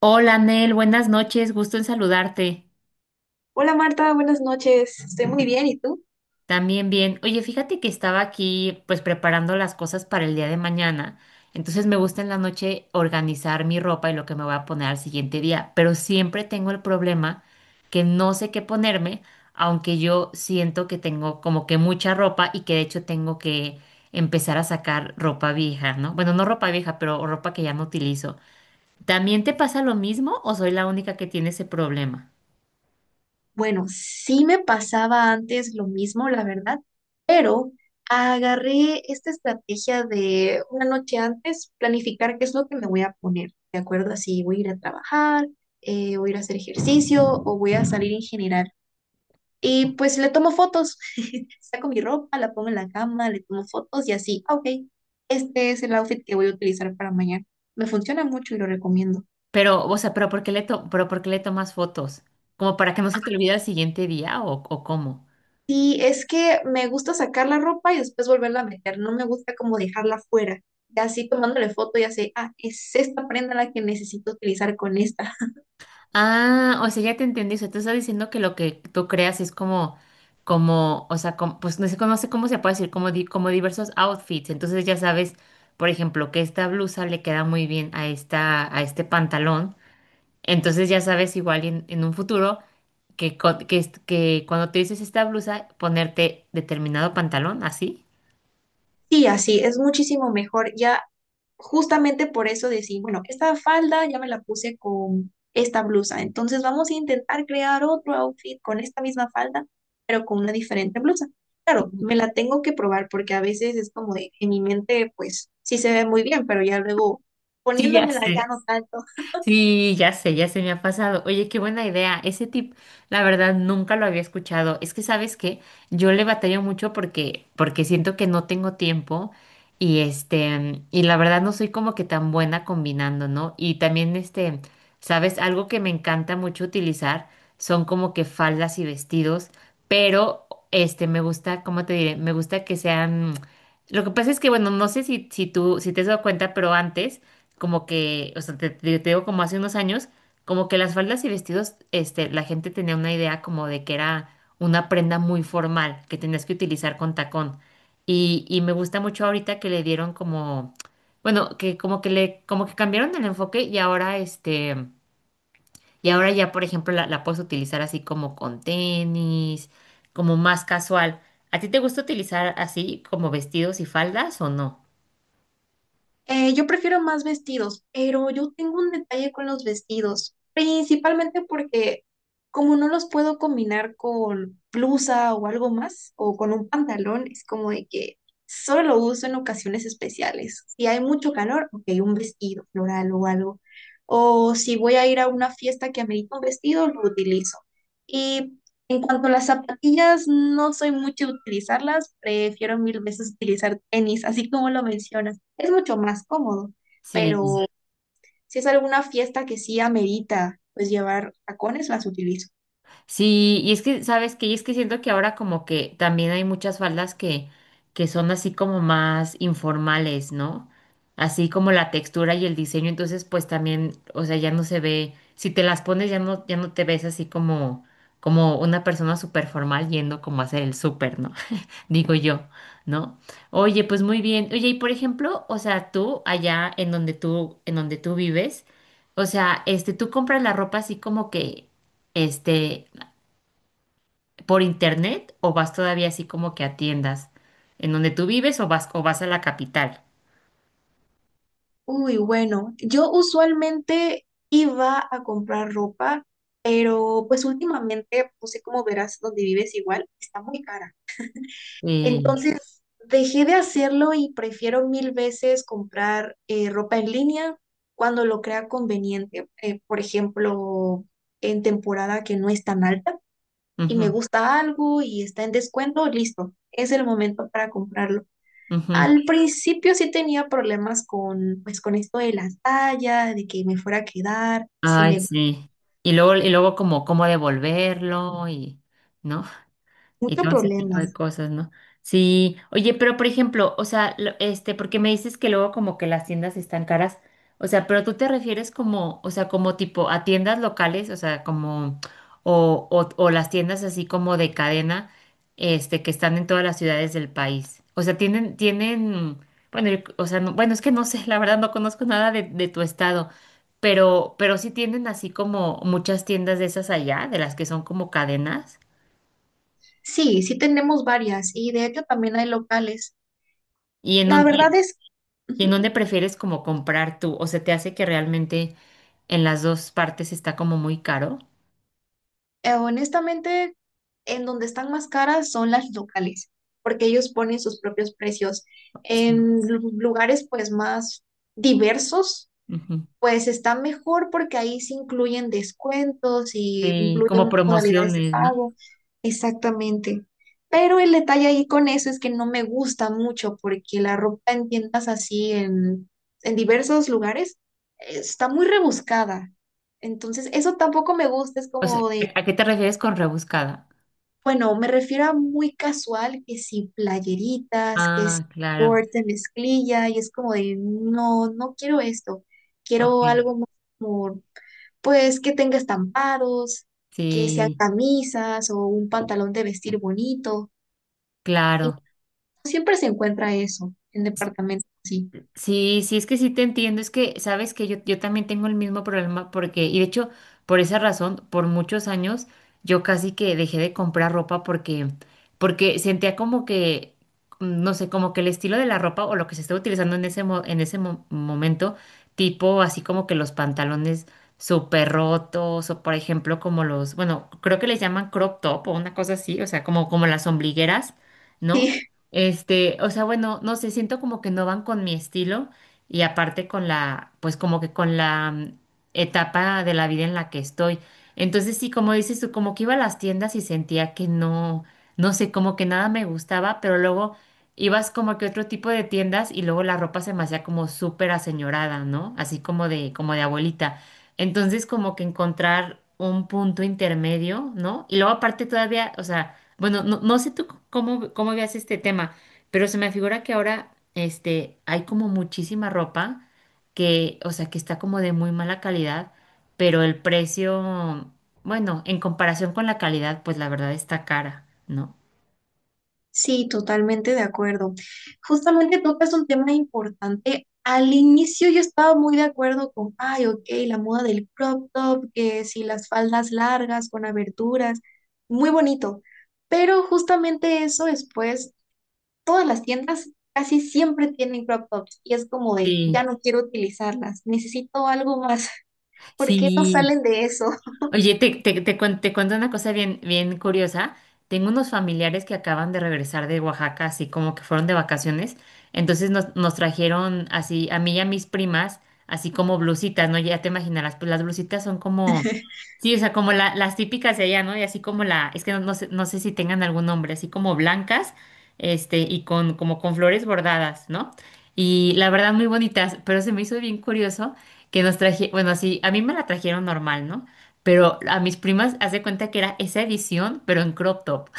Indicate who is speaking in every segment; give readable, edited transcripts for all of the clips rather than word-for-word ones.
Speaker 1: Hola, Nel, buenas noches, gusto en saludarte.
Speaker 2: Hola Marta, buenas noches. Estoy muy bien, ¿y tú?
Speaker 1: También bien. Oye, fíjate que estaba aquí pues preparando las cosas para el día de mañana. Entonces me gusta en la noche organizar mi ropa y lo que me voy a poner al siguiente día, pero siempre tengo el problema que no sé qué ponerme, aunque yo siento que tengo como que mucha ropa y que de hecho tengo que empezar a sacar ropa vieja, ¿no? Bueno, no ropa vieja, pero ropa que ya no utilizo. ¿También te pasa lo mismo o soy la única que tiene ese problema?
Speaker 2: Bueno, sí me pasaba antes lo mismo, la verdad, pero agarré esta estrategia de una noche antes planificar qué es lo que me voy a poner, ¿de acuerdo? Así voy a ir a trabajar, voy a ir a hacer ejercicio o voy a salir en general. Y pues le tomo fotos, saco mi ropa, la pongo en la cama, le tomo fotos y así, ah, ok, este es el outfit que voy a utilizar para mañana. Me funciona mucho y lo recomiendo.
Speaker 1: Pero, o sea, pero ¿por qué le to- pero ¿por qué le tomas fotos? ¿Como para que no se te olvide al siguiente día o cómo?
Speaker 2: Sí, es que me gusta sacar la ropa y después volverla a meter. No me gusta como dejarla fuera. Y así tomándole foto, ya sé, ah, es esta prenda la que necesito utilizar con esta.
Speaker 1: Ah, o sea, ya te entendí. O sea, tú estás diciendo que lo que tú creas es como, como, o sea, pues no sé, no sé cómo se puede decir, como, como diversos outfits. Entonces ya sabes, por ejemplo, que esta blusa le queda muy bien a esta, a este pantalón. Entonces ya sabes igual en un futuro que, que, que cuando te dices esta blusa, ponerte determinado pantalón, así.
Speaker 2: Sí, así, es muchísimo mejor. Ya justamente por eso decir, bueno, esta falda ya me la puse con esta blusa. Entonces vamos a intentar crear otro outfit con esta misma falda, pero con una diferente blusa. Claro, me la tengo que probar porque a veces es como de, en mi mente, pues sí se ve muy bien, pero ya luego
Speaker 1: Sí, ya
Speaker 2: poniéndomela ya
Speaker 1: sé.
Speaker 2: no tanto.
Speaker 1: Sí, ya sé, ya se me ha pasado. Oye, qué buena idea. Ese tip, la verdad, nunca lo había escuchado. Es que, ¿sabes qué? Yo le batallo mucho porque, porque siento que no tengo tiempo y este, y la verdad no soy como que tan buena combinando, ¿no? Y también este, ¿sabes? Algo que me encanta mucho utilizar son como que faldas y vestidos, pero este, me gusta, ¿cómo te diré? Me gusta que sean… Lo que pasa es que, bueno, no sé si, si tú, si te has dado cuenta, pero antes como que, o sea, te, te digo como hace unos años, como que las faldas y vestidos, este, la gente tenía una idea como de que era una prenda muy formal, que tenías que utilizar con tacón. Y me gusta mucho ahorita que le dieron como, bueno, que como que le, como que cambiaron el enfoque y ahora este, y ahora ya, por ejemplo, la puedes utilizar así como con tenis, como más casual. ¿A ti te gusta utilizar así como vestidos y faldas o no?
Speaker 2: Yo prefiero más vestidos, pero yo tengo un detalle con los vestidos, principalmente porque como no los puedo combinar con blusa o algo más, o con un pantalón, es como de que solo lo uso en ocasiones especiales. Si hay mucho calor, ok, un vestido floral o algo. O si voy a ir a una fiesta que amerita un vestido, lo utilizo. Y en cuanto a las zapatillas, no soy mucho de utilizarlas, prefiero mil veces utilizar tenis, así como lo mencionas es mucho más cómodo,
Speaker 1: Sí.
Speaker 2: pero si es alguna fiesta que sí amerita, pues llevar tacones, las utilizo.
Speaker 1: Sí, y es que, ¿sabes qué? Y es que siento que ahora como que también hay muchas faldas que son así como más informales, ¿no? Así como la textura y el diseño, entonces pues también, o sea, ya no se ve, si te las pones ya no, ya no te ves así como, como una persona súper formal yendo como a hacer el súper, ¿no? Digo yo, ¿no? Oye, pues muy bien. Oye, y por ejemplo, o sea, tú allá en donde tú vives, o sea, este, tú compras la ropa así como que, este, por internet o vas todavía así como que a tiendas en donde tú vives o vas a la capital?
Speaker 2: Uy, bueno, yo usualmente iba a comprar ropa, pero pues últimamente, no sé cómo verás donde vives igual, está muy cara.
Speaker 1: Sí.
Speaker 2: Entonces, dejé de hacerlo y prefiero mil veces comprar ropa en línea cuando lo crea conveniente. Por ejemplo, en temporada que no es tan alta y me
Speaker 1: Ujú,
Speaker 2: gusta algo y está en descuento, listo, es el momento para comprarlo.
Speaker 1: ujú.
Speaker 2: Al principio sí tenía problemas con, pues, con esto de la talla, de que me fuera a quedar,
Speaker 1: Ay, sí. Y luego como cómo devolverlo y, ¿no? Y
Speaker 2: mucho
Speaker 1: todo ese tipo de
Speaker 2: problemas.
Speaker 1: cosas, ¿no? Sí, oye, pero por ejemplo, o sea, este, porque me dices que luego como que las tiendas están caras, o sea, pero tú te refieres como, o sea, como tipo a tiendas locales, o sea, como, o las tiendas así como de cadena, este, que están en todas las ciudades del país. O sea, tienen, tienen, bueno, o sea, bueno, es que no sé, la verdad no conozco nada de, de tu estado. Pero sí tienen así como muchas tiendas de esas allá, de las que son como cadenas.
Speaker 2: Sí, sí tenemos varias y de hecho también hay locales.
Speaker 1: Y en
Speaker 2: La
Speaker 1: donde,
Speaker 2: verdad es,
Speaker 1: ¿y en
Speaker 2: ujú,
Speaker 1: dónde prefieres como comprar tú? ¿O se te hace que realmente en las dos partes está como muy caro?
Speaker 2: honestamente, en donde están más caras son las locales, porque ellos ponen sus propios precios.
Speaker 1: Sí.
Speaker 2: En lugares pues más diversos.
Speaker 1: Ujú.
Speaker 2: Pues está mejor porque ahí se incluyen descuentos y
Speaker 1: Sí, como
Speaker 2: incluyen modalidades de
Speaker 1: promociones, ¿no?
Speaker 2: pago. Exactamente. Pero el detalle ahí con eso es que no me gusta mucho porque la ropa en tiendas así en, diversos lugares está muy rebuscada. Entonces, eso tampoco me gusta. Es
Speaker 1: O sea,
Speaker 2: como de,
Speaker 1: ¿a qué te refieres con rebuscada?
Speaker 2: bueno, me refiero a muy casual, que si playeritas, que si
Speaker 1: Ah, claro,
Speaker 2: shorts de mezclilla, y es como de, no, no quiero esto.
Speaker 1: ok.
Speaker 2: Quiero algo más como pues que tenga estampados, que sean
Speaker 1: Sí,
Speaker 2: camisas o un pantalón de vestir bonito. Y
Speaker 1: claro.
Speaker 2: siempre se encuentra eso en departamentos así.
Speaker 1: Sí, sí, es que sí te entiendo, es que sabes que yo también tengo el mismo problema porque, y de hecho, por esa razón, por muchos años, yo casi que dejé de comprar ropa porque, porque sentía como que, mm, no sé, como que el estilo de la ropa o lo que se estaba utilizando en ese, en ese momento, tipo así como que los pantalones súper rotos o por ejemplo como los, bueno, creo que les llaman crop top o una cosa así, o sea, como, como las ombligueras, ¿no?
Speaker 2: Sí,
Speaker 1: Este, o sea, bueno, no sé, siento como que no van con mi estilo y aparte con la, pues como que con la mm, etapa de la vida en la que estoy. Entonces sí, como dices tú, como que iba a las tiendas y sentía que no, no sé, como que nada me gustaba, pero luego ibas como que a otro tipo de tiendas y luego la ropa se me hacía como súper aseñorada, ¿no? Así como de abuelita. Entonces, como que encontrar un punto intermedio, ¿no? Y luego aparte todavía, o sea, bueno, no, no sé tú cómo, cómo veas este tema, pero se me figura que ahora, este, hay como muchísima ropa que, o sea, que está como de muy mala calidad, pero el precio, bueno, en comparación con la calidad, pues la verdad está cara, ¿no?
Speaker 2: sí, totalmente de acuerdo. Justamente tocas un tema importante. Al inicio yo estaba muy de acuerdo con, ay, ok, la moda del crop top, que si las faldas largas con aberturas, muy bonito. Pero justamente eso después todas las tiendas casi siempre tienen crop tops y es como de, ya
Speaker 1: Sí,
Speaker 2: no quiero utilizarlas, necesito algo más. ¿Por qué no
Speaker 1: sí.
Speaker 2: salen de eso?
Speaker 1: Oye, te cuento una cosa bien, bien curiosa. Tengo unos familiares que acaban de regresar de Oaxaca, así como que fueron de vacaciones. Entonces nos, nos trajeron así, a mí y a mis primas, así como blusitas, ¿no? Ya te imaginarás, pues las blusitas son como, sí, o sea, como las típicas de allá, ¿no? Y así como la, es que no, no sé, no sé si tengan algún nombre, así como blancas, este, y con, como con flores bordadas, ¿no? Y la verdad, muy bonitas, pero se me hizo bien curioso que nos traje, bueno, así, a mí me la trajeron normal, ¿no? Pero a mis primas, haz de cuenta que era esa edición, pero en crop top.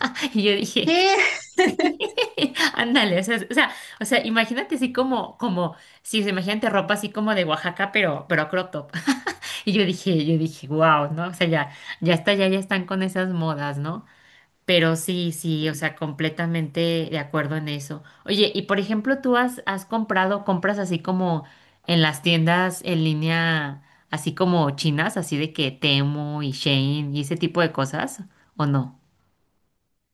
Speaker 1: Y yo dije,
Speaker 2: ¿Qué?
Speaker 1: sí, ándale, o sea, o sea, o sea, imagínate así como, como, sí, o sea, imagínate ropa así como de Oaxaca, pero crop top. Y yo dije, wow, ¿no? O sea, ya, ya está, ya, ya están con esas modas, ¿no? Pero sí, sí, o sea, completamente de acuerdo en eso. Oye, y por ejemplo, ¿tú has, has comprado, compras así como en las tiendas en línea, así como chinas, así de que Temu y Shein y ese tipo de cosas, o no?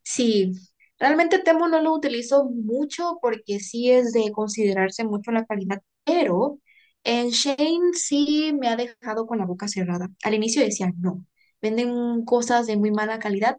Speaker 2: Sí, realmente Temu no lo utilizo mucho porque sí es de considerarse mucho la calidad, pero en Shane sí me ha dejado con la boca cerrada. Al inicio decía, no, venden cosas de muy mala calidad.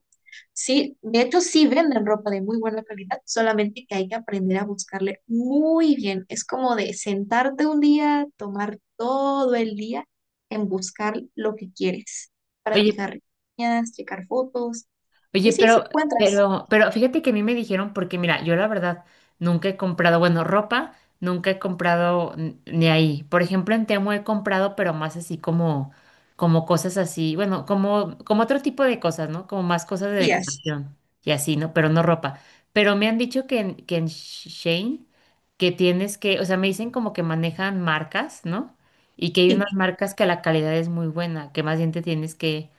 Speaker 2: Sí, de hecho sí venden ropa de muy buena calidad, solamente que hay que aprender a buscarle muy bien. Es como de sentarte un día, tomar todo el día en buscar lo que quieres,
Speaker 1: Oye,
Speaker 2: practicar reseñas, checar fotos,
Speaker 1: Oye,
Speaker 2: y sí, sí
Speaker 1: pero,
Speaker 2: encuentras.
Speaker 1: pero, pero fíjate que a mí me dijeron, porque mira, yo la verdad nunca he comprado, bueno, ropa, nunca he comprado ni ahí. Por ejemplo, en Temu he comprado, pero más así como, como cosas así, bueno, como, como otro tipo de cosas, ¿no? Como más cosas de
Speaker 2: Días.
Speaker 1: decoración y así, ¿no? Pero no ropa. Pero me han dicho que en Shein, que tienes que, o sea, me dicen como que manejan marcas, ¿no? Y que hay
Speaker 2: Sí.
Speaker 1: unas marcas que la calidad es muy buena, que más bien te tienes que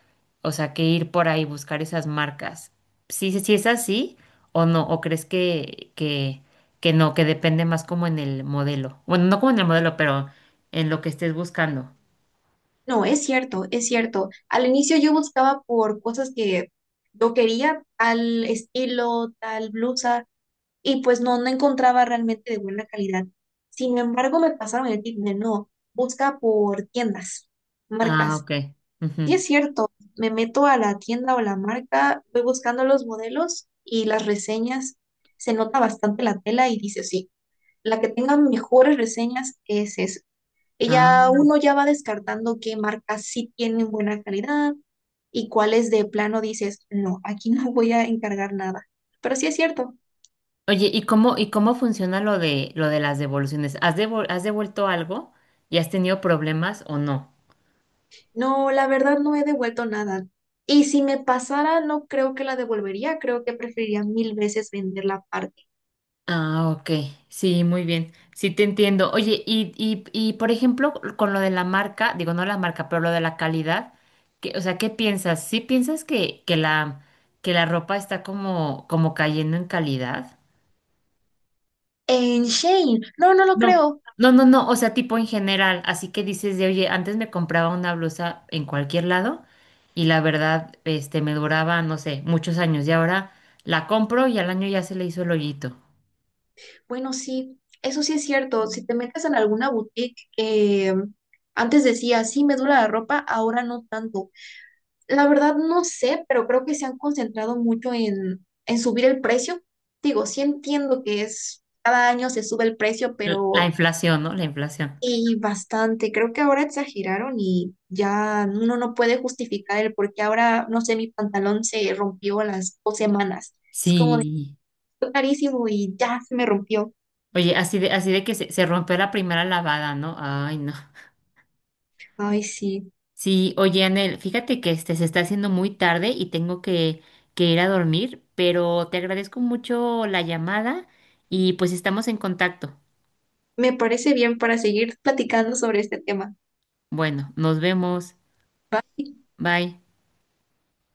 Speaker 1: o sea, que ir por ahí, buscar esas marcas. Sí, sí, sí es así o no, o crees que no, que depende más como en el modelo. Bueno, no como en el modelo, pero en lo que estés buscando.
Speaker 2: No, es cierto, es cierto. Al inicio yo buscaba por cosas que yo quería, tal estilo, tal blusa, y pues no, no encontraba realmente de buena calidad. Sin embargo, me pasaron el tip de no, busca por tiendas,
Speaker 1: Ah,
Speaker 2: marcas.
Speaker 1: ok. Ujú.
Speaker 2: Sí es cierto, me meto a la tienda o la marca, voy buscando los modelos y las reseñas, se nota bastante la tela y dice, sí, la que tenga mejores reseñas es esa. Y
Speaker 1: Ah.
Speaker 2: ya uno ya va descartando qué marcas sí tienen buena calidad y cuáles de plano dices, no, aquí no voy a encargar nada. Pero sí es cierto.
Speaker 1: Oye, y cómo funciona lo de las devoluciones? Has devuelto algo y has tenido problemas o no?
Speaker 2: No, la verdad no he devuelto nada. Y si me pasara, no creo que la devolvería, creo que preferiría mil veces vender la parte.
Speaker 1: Ah, ok. Sí, muy bien. Sí, te entiendo. Oye, y por ejemplo, con lo de la marca, digo, no la marca, pero lo de la calidad, o sea, ¿qué piensas? ¿Sí piensas que la ropa está como, como cayendo en calidad?
Speaker 2: En Shane, no, no lo
Speaker 1: No,
Speaker 2: creo.
Speaker 1: no, no, no, o sea, tipo en general, así que dices de, oye, antes me compraba una blusa en cualquier lado y la verdad, este, me duraba, no sé, muchos años y ahora la compro y al año ya se le hizo el hoyito.
Speaker 2: Bueno, sí, eso sí es cierto. Si te metes en alguna boutique que antes decía, sí, me dura la ropa, ahora no tanto. La verdad no sé, pero creo que se han concentrado mucho en, subir el precio. Digo, sí entiendo que es, cada año se sube el precio,
Speaker 1: La
Speaker 2: pero...
Speaker 1: inflación, ¿no? La inflación.
Speaker 2: Y bastante, creo que ahora exageraron y ya uno no puede justificar el por qué ahora, no sé, mi pantalón se rompió a las 2 semanas. Es como de
Speaker 1: Sí.
Speaker 2: "Fue carísimo y ya se me rompió".
Speaker 1: Oye, así de que se rompió la primera lavada, ¿no? Ay, no.
Speaker 2: Ay, sí,
Speaker 1: Sí, oye, Anel, fíjate que este se está haciendo muy tarde y tengo que ir a dormir, pero te agradezco mucho la llamada y pues estamos en contacto.
Speaker 2: me parece bien para seguir platicando sobre este tema.
Speaker 1: Bueno, nos vemos. Bye.